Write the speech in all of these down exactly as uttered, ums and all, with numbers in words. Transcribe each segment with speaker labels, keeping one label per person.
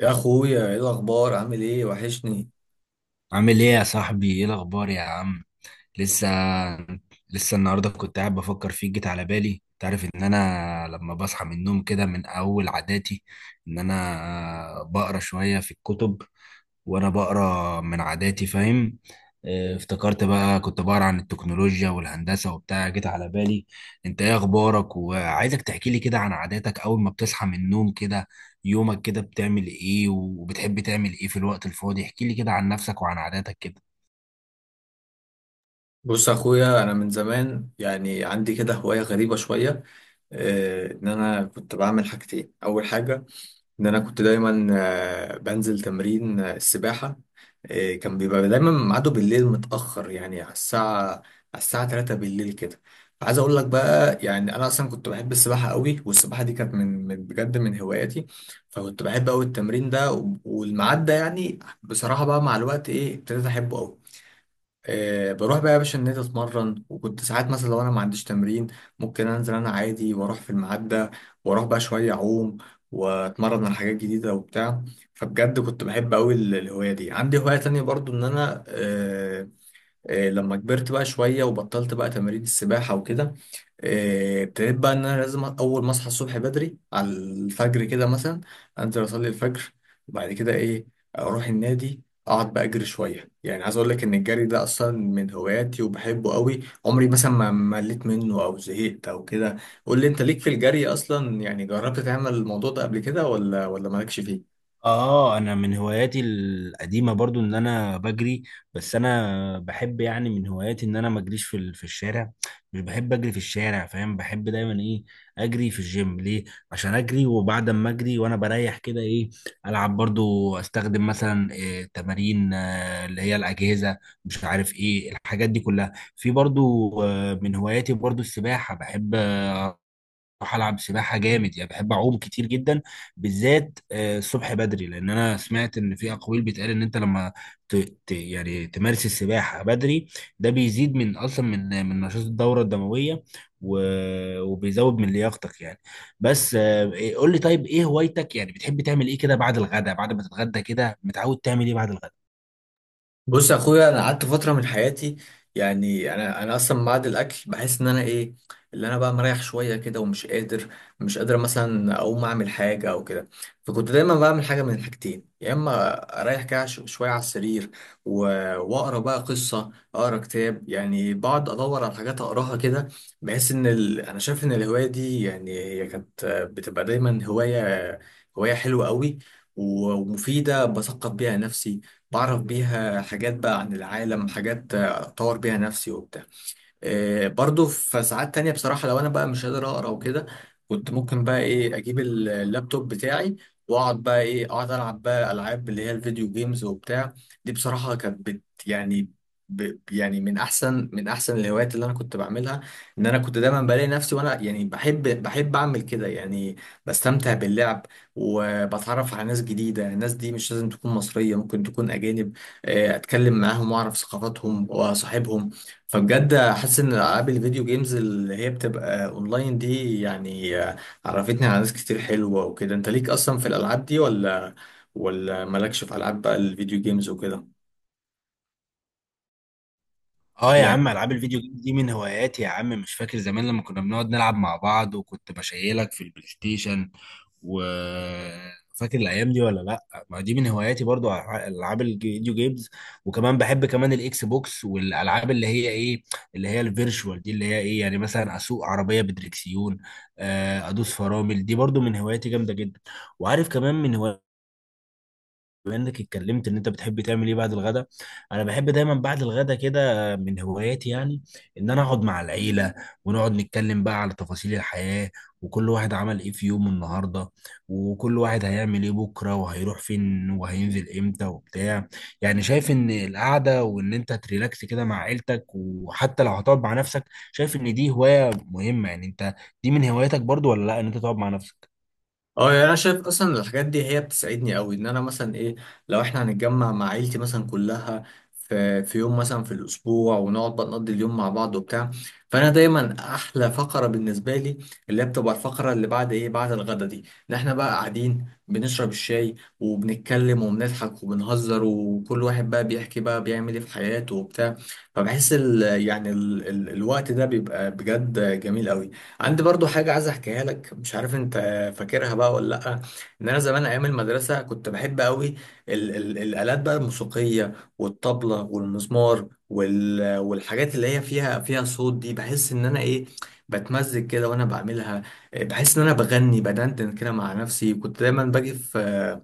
Speaker 1: يا اخويا، ايه الاخبار؟ عامل ايه؟ وحشني.
Speaker 2: عامل ايه يا صاحبي؟ ايه الاخبار يا عم؟ لسه لسه النهارده كنت قاعد بفكر فيك، جيت على بالي. تعرف ان انا لما بصحى من النوم كده، من اول عاداتي ان انا بقرا شويه في الكتب، وانا بقرا من عاداتي، فاهم؟ آه، افتكرت بقى كنت بقرا عن التكنولوجيا والهندسة وبتاع، جيت على بالي. انت ايه اخبارك؟ وعايزك تحكي لي كده عن عاداتك اول ما بتصحى من النوم كده، يومك كده بتعمل ايه؟ وبتحب تعمل ايه في الوقت الفاضي؟ احكي لي كده عن نفسك وعن عاداتك كده.
Speaker 1: بص يا اخويا، انا من زمان يعني عندي كده هوايه غريبه شويه. آه، ان انا كنت بعمل حاجتين. اول حاجه ان انا كنت دايما آه، بنزل تمرين آه، السباحه. آه، كان بيبقى دايما ميعاده بالليل متاخر، يعني على الساعه على الساعه تلاتة بالليل كده. فعايز اقول لك بقى، يعني انا اصلا كنت بحب السباحه قوي، والسباحه دي كانت من من- بجد من هواياتي. فكنت بحب قوي التمرين ده و- والميعاد ده. يعني بصراحه بقى، مع الوقت ايه، ابتديت احبه قوي. آه، بروح بقى يا باشا النادي اتمرن. وكنت ساعات مثلا لو انا ما عنديش تمرين، ممكن انزل انا عادي واروح في المعدة، واروح بقى شوية اعوم، واتمرن على حاجات جديدة وبتاع. فبجد كنت بحب قوي ال- الهواية دي. عندي هواية تانية برضو ان انا آه، آه، لما كبرت بقى شوية وبطلت بقى تمارين السباحة وكده، آه، ابتديت بقى إن أنا لازم أول ما أصحى الصبح بدري على الفجر كده مثلا، أنزل أصلي الفجر، وبعد كده إيه، أروح النادي، أقعد بقى أجري شوية. يعني عايز أقول لك إن الجري ده أصلا من هواياتي وبحبه قوي. عمري مثلا ما مليت منه أو زهقت أو كده. قول لي أنت، ليك في الجري أصلا؟ يعني جربت تعمل الموضوع ده قبل كده، ولا ولا مالكش فيه؟
Speaker 2: اه، انا من هواياتي القديمه برضو ان انا بجري، بس انا بحب يعني من هواياتي ان انا ما اجريش في ال- في الشارع. مش بحب اجري في الشارع، فاهم؟ بحب دايما ايه، اجري في الجيم. ليه؟ عشان اجري، وبعد ما اجري وانا بريح كده ايه، العب برضو، استخدم مثلا إيه تمارين، آه، اللي هي الاجهزه، مش عارف ايه الحاجات دي كلها. في برضو آه، من هواياتي برضو السباحه، بحب بروح العب سباحه جامد، يعني بحب اعوم كتير جدا، بالذات آه، الصبح بدري، لان انا سمعت ان في اقاويل بتقال ان انت لما ت... ت... يعني تمارس السباحه بدري، ده بيزيد من اصلا من من نشاط الدوره الدمويه، و... وبيزود من لياقتك يعني. بس آه، إيه- قول لي، طيب ايه هوايتك؟ يعني بتحب تعمل ايه كده بعد الغداء؟ بعد ما تتغدى كده متعود تعمل ايه بعد الغداء؟
Speaker 1: بص يا اخويا، انا قعدت فتره من حياتي، يعني انا انا اصلا بعد الاكل بحس ان انا ايه، اللي انا بقى مريح شويه كده ومش قادر، مش قادر مثلا اقوم اعمل حاجه او كده. فكنت دايما بعمل حاجه من الحاجتين: يا اما اريح كده ش- شويه على السرير و- واقرا بقى قصه، اقرا كتاب، يعني بقعد ادور على حاجات اقراها كده. بحس ان ال... انا شايف ان الهوايه دي، يعني هي كانت بتبقى دايما هوايه هوايه حلوه قوي ومفيده، بثقف بيها نفسي، بعرف بيها حاجات بقى عن العالم، حاجات آه، أطور بيها نفسي وبتاع. آه، برضو في ساعات تانية بصراحة، لو أنا بقى مش قادر أقرأ وكده، كنت ممكن بقى إيه، أجيب ال- اللابتوب بتاعي، وأقعد بقى إيه، أقعد ألعب بقى ألعاب اللي هي الفيديو جيمز وبتاع. دي بصراحة كانت بت يعني ب يعني من أحسن، من أحسن الهوايات اللي أنا كنت بعملها. إن أنا كنت دايما بلاقي نفسي وأنا يعني بحب بحب أعمل كده، يعني بستمتع باللعب، وبتعرف على ناس جديدة. الناس دي مش لازم تكون مصرية، ممكن تكون أجانب. آه، أتكلم معاهم وأعرف ثقافاتهم وأصاحبهم. فبجد حاسس ان العاب الفيديو جيمز اللي هي بتبقى اونلاين دي، يعني آه، عرفتني على ناس كتير حلوة وكده. انت ليك اصلا في الالعاب دي، ولا ولا مالكش في العاب بقى الفيديو جيمز وكده؟
Speaker 2: اه يا
Speaker 1: يعني
Speaker 2: عم، العاب الفيديو جيم دي من هواياتي يا عم. مش فاكر زمان لما كنا بنقعد نلعب مع بعض، وكنت بشيلك في البلاي ستيشن؟ وفاكر الايام دي ولا لا؟ ما دي من هواياتي برضو، ألع- العاب الفيديو جيمز. وكمان بحب كمان الاكس بوكس، والالعاب اللي هي ايه، اللي هي الفيرشوال دي، اللي هي ايه، يعني مثلا اسوق عربيه بدريكسيون، آه، ادوس فرامل، دي برضو من هواياتي جامده جدا. وعارف كمان من هواياتي، بما انك اتكلمت ان انت بتحب تعمل ايه بعد الغداء، انا بحب دايما بعد الغداء كده، من هواياتي يعني ان انا اقعد مع العيله، ونقعد نتكلم بقى على تفاصيل الحياه، وكل واحد عمل ايه في يومه النهارده، وكل واحد هيعمل ايه بكره، وهيروح فين، وهينزل امتى وبتاع. يعني شايف ان القعده، وان انت تريلاكس كده مع عيلتك، وحتى لو هتقعد مع نفسك، شايف ان دي هوايه مهمه. يعني انت دي من هواياتك برضو ولا لا، ان انت تقعد مع نفسك؟
Speaker 1: اه، يعني انا شايف اصلا الحاجات دي هي بتساعدني قوي. ان انا مثلا ايه، لو احنا هنتجمع مع عيلتي مثلا كلها في في يوم مثلا في الاسبوع، ونقعد بقى نقضي اليوم مع بعض وبتاع. فانا دايما احلى فقره بالنسبه لي اللي هي بتبقى الفقره اللي بعد ايه، بعد الغدا دي، ان احنا بقى قاعدين بنشرب الشاي وبنتكلم وبنضحك وبنهزر، وكل واحد بقى بيحكي بقى بيعمل ايه في حياته وبتاع. فبحس ال يعني ال ال الوقت ده بيبقى بجد جميل قوي. عندي برضو حاجه عايز احكيها لك، مش عارف انت فاكرها بقى ولا لا. ان انا زمان ايام المدرسه كنت بحب قوي ال ال الالات بقى الموسيقيه، والطبله، والمزمار، وال والحاجات اللي هي فيها فيها صوت دي. بحس ان انا ايه، بتمزج كده وانا بعملها. إيه، بحس ان انا بغني، بدندن كده مع نفسي. كنت دايما باجي في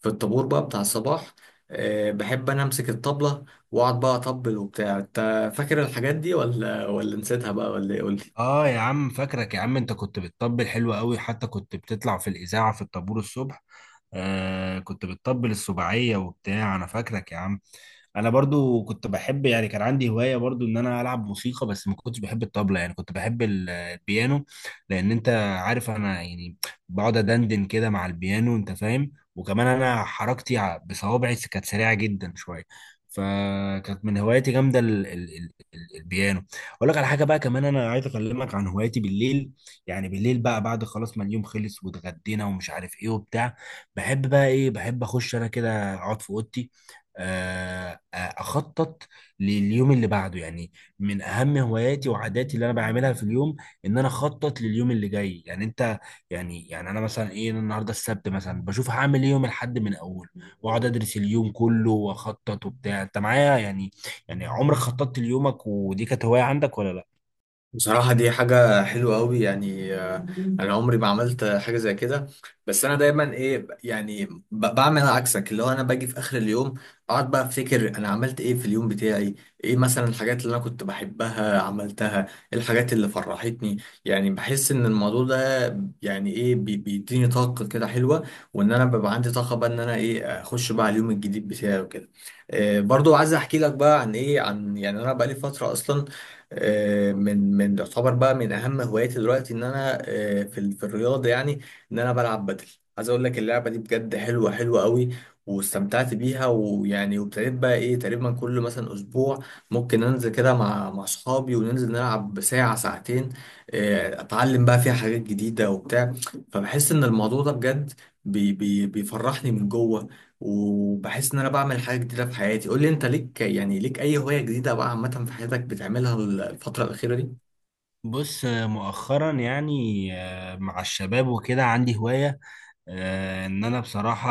Speaker 1: في الطابور بقى بتاع الصباح. آه، بحب انا امسك الطبله واقعد بقى اطبل وبتاع. انت فاكر الحاجات دي ولا ولا نسيتها بقى ولا ايه؟ قول لي.
Speaker 2: اه يا عم، فاكرك يا عم، انت كنت بتطبل حلو قوي، حتى كنت بتطلع في الاذاعه في الطابور الصبح. آه، كنت بتطبل السبعيه وبتاع، انا فاكرك يا عم. انا برضو كنت بحب، يعني كان عندي هوايه برضو ان انا العب موسيقى، بس ما كنتش بحب الطبله، يعني كنت بحب ال- آه، البيانو. لان انت عارف، انا يعني بقعد ادندن كده مع البيانو، انت فاهم؟ وكمان انا حركتي ع- بصوابعي كانت سريعه جدا شويه، فكانت من هواياتي جامده ال- ال- ال- البيانو. اقول لك على حاجه بقى كمان، انا عايز اكلمك عن هواياتي بالليل. يعني بالليل بقى، بعد خلاص ما اليوم خلص، واتغدينا ومش عارف ايه وبتاع، بحب بقى ايه، بحب اخش انا كده اقعد في اوضتي، آه، آه، اخطط لليوم اللي بعده. يعني من اهم هواياتي وعاداتي اللي انا بعملها في اليوم ان انا اخطط لليوم اللي جاي. يعني انت، يعني يعني انا مثلا ايه، أنا النهارده السبت مثلا بشوف هعمل ايه يوم الاحد من اول، واقعد ادرس اليوم كله واخطط وبتاع، انت معايا يعني؟ يعني عمرك خططت ليومك؟ ودي كانت هواية عندك ولا لا؟
Speaker 1: بصراحة دي حاجة حلوة أوي. يعني آه، أنا عمري ما عملت حاجة زي كده. بس أنا دايما إيه، ب- يعني ب- بعمل عكسك، اللي هو أنا باجي في آخر اليوم أقعد بقى أفتكر أنا عملت إيه في اليوم بتاعي. إيه مثلا الحاجات اللي أنا كنت بحبها عملتها؟ إيه الحاجات اللي فرحتني؟ يعني بحس إن الموضوع ده يعني إيه، بي- بيديني طاقة كده حلوة، وإن أنا ببقى عندي طاقة بقى إن أنا إيه، أخش بقى على اليوم الجديد بتاعي وكده. آه، برضو عايز أحكي لك بقى عن إيه، عن يعني أنا بقالي فترة أصلا آه، من من يعتبر بقى من اهم هواياتي دلوقتي ان انا آه، في ال- في الرياضه، يعني ان انا بلعب بدل. عايز اقول لك، اللعبه دي بجد حلوه حلوه قوي، واستمتعت بيها. ويعني وابتديت بقى ايه، تقريبا كل مثلا اسبوع ممكن انزل كده مع مع اصحابي وننزل نلعب ساعه ساعتين. آه، اتعلم بقى فيها حاجات جديده وبتاع. فبحس ان الموضوع ده بجد بي بي بيفرحني من جوه، وبحس ان انا بعمل حاجه جديده في حياتي. قول لي انت، ليك يعني ليك اي هوايه جديده بقى عامه في حياتك بتعملها الفتره الاخيره دي؟
Speaker 2: بص، آه، مؤخرا يعني آه، مع الشباب وكده عندي هواية، آه، ان انا بصراحة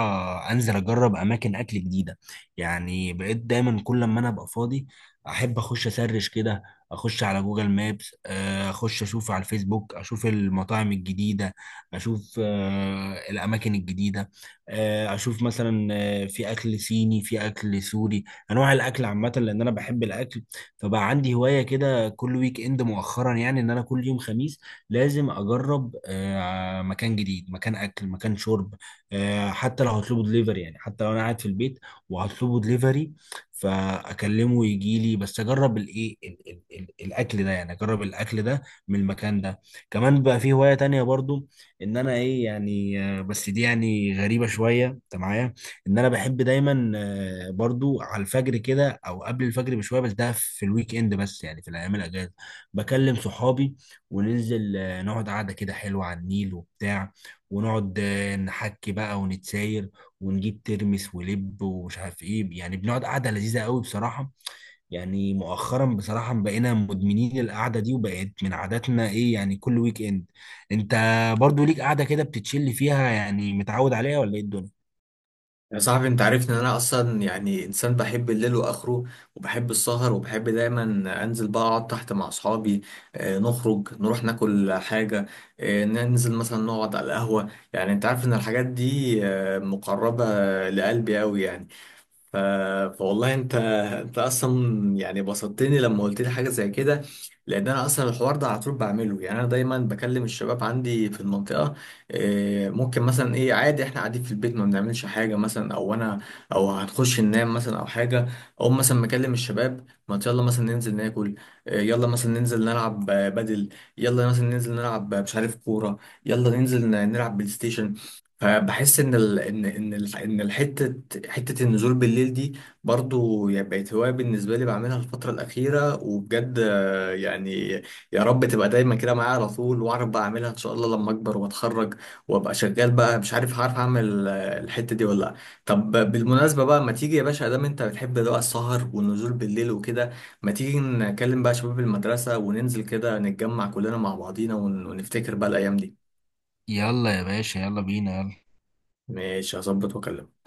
Speaker 2: انزل اجرب اماكن اكل جديدة. يعني بقيت دايما كل ما انا ابقى فاضي احب اخش اسرش كده، اخش على جوجل، مابس آه، اخش اشوف على الفيسبوك، اشوف المطاعم الجديدة، اشوف آه، الاماكن الجديدة، آه، اشوف مثلا آه، في اكل صيني، في اكل سوري، انواع الاكل عامة، لان انا بحب الاكل. فبقى عندي هواية كده كل ويك اند مؤخرا، يعني ان انا كل يوم خميس لازم اجرب آه، مكان جديد، مكان اكل، مكان شرب، آه، حتى لو هطلبه دليفري. يعني حتى لو انا قاعد في البيت وهطلبه دليفري، فاكلمه يجي لي، بس اجرب الايه ال- ال- ال- الاكل ده، يعني اجرب الاكل ده من المكان ده. كمان بقى في هواية تانية برضو، ان انا ايه، يعني آه، بس دي يعني غريبة شوية، انت معايا؟ ان انا بحب دايما آه، برضو على الفجر كده، او قبل الفجر بشويه، بس ده في الويك اند بس، يعني في الايام الاجازه، بكلم صحابي وننزل آه، نقعد قعده كده حلوه على النيل وبتاع، ونقعد آه، نحكي بقى ونتساير، ونجيب ترمس ولب ومش عارف ايه، يعني بنقعد قعده لذيذه قوي بصراحه. يعني مؤخرا بصراحه بقينا مدمنين القعده دي، وبقت من عاداتنا ايه، يعني كل ويك اند. انت برضو ليك قعده كده بتتشلي فيها؟ يعني متعود عليها ولا ايه الدنيا؟
Speaker 1: يا صاحبي، انت عارفني ان انا اصلا يعني انسان بحب الليل واخره، وبحب السهر، وبحب دايما انزل بقى اقعد تحت مع اصحابي. آه، نخرج نروح ناكل حاجه، آه، ننزل مثلا نقعد على القهوه. يعني انت عارف ان الحاجات دي آه، مقربه لقلبي قوي. يعني ف... فوالله انت انت اصلا يعني بسطتني لما قلت لي حاجه زي كده، لان انا اصلا الحوار ده على طول بعمله. يعني انا دايما بكلم الشباب عندي في المنطقه. إيه، ممكن مثلا ايه، عادي احنا قاعدين في البيت ما بنعملش حاجه مثلا، او انا او هنخش ننام مثلا او حاجه، او مثلا مكلم الشباب، ما يلا مثلا ننزل ناكل. إيه، يلا مثلا ننزل نلعب آه، بدل. يلا مثلا ننزل نلعب آه، مش عارف كوره. يلا ننزل ن- نلعب بلاي ستيشن. فبحس ان ال... ان ان ال... ان الحته حته النزول بالليل دي برضو، يعني بقت هوايه بالنسبه لي بعملها الفتره الاخيره. وبجد آه، يعني يا رب تبقى دايما كده معايا على طول، واعرف بقى اعملها ان شاء الله لما اكبر واتخرج وابقى شغال بقى. مش عارف هعرف اعمل آه، الحته دي ولا لا. طب بالمناسبه بقى، ما تيجي يا باشا، دام انت بتحب بقى السهر والنزول بالليل وكده، ما تيجي نكلم بقى شباب المدرسه، وننزل كده نتجمع كلنا مع بعضينا ون... ونفتكر بقى الايام دي.
Speaker 2: يلا يا باشا، يلا بينا، يلا.
Speaker 1: ماشي، هظبط واكلمك.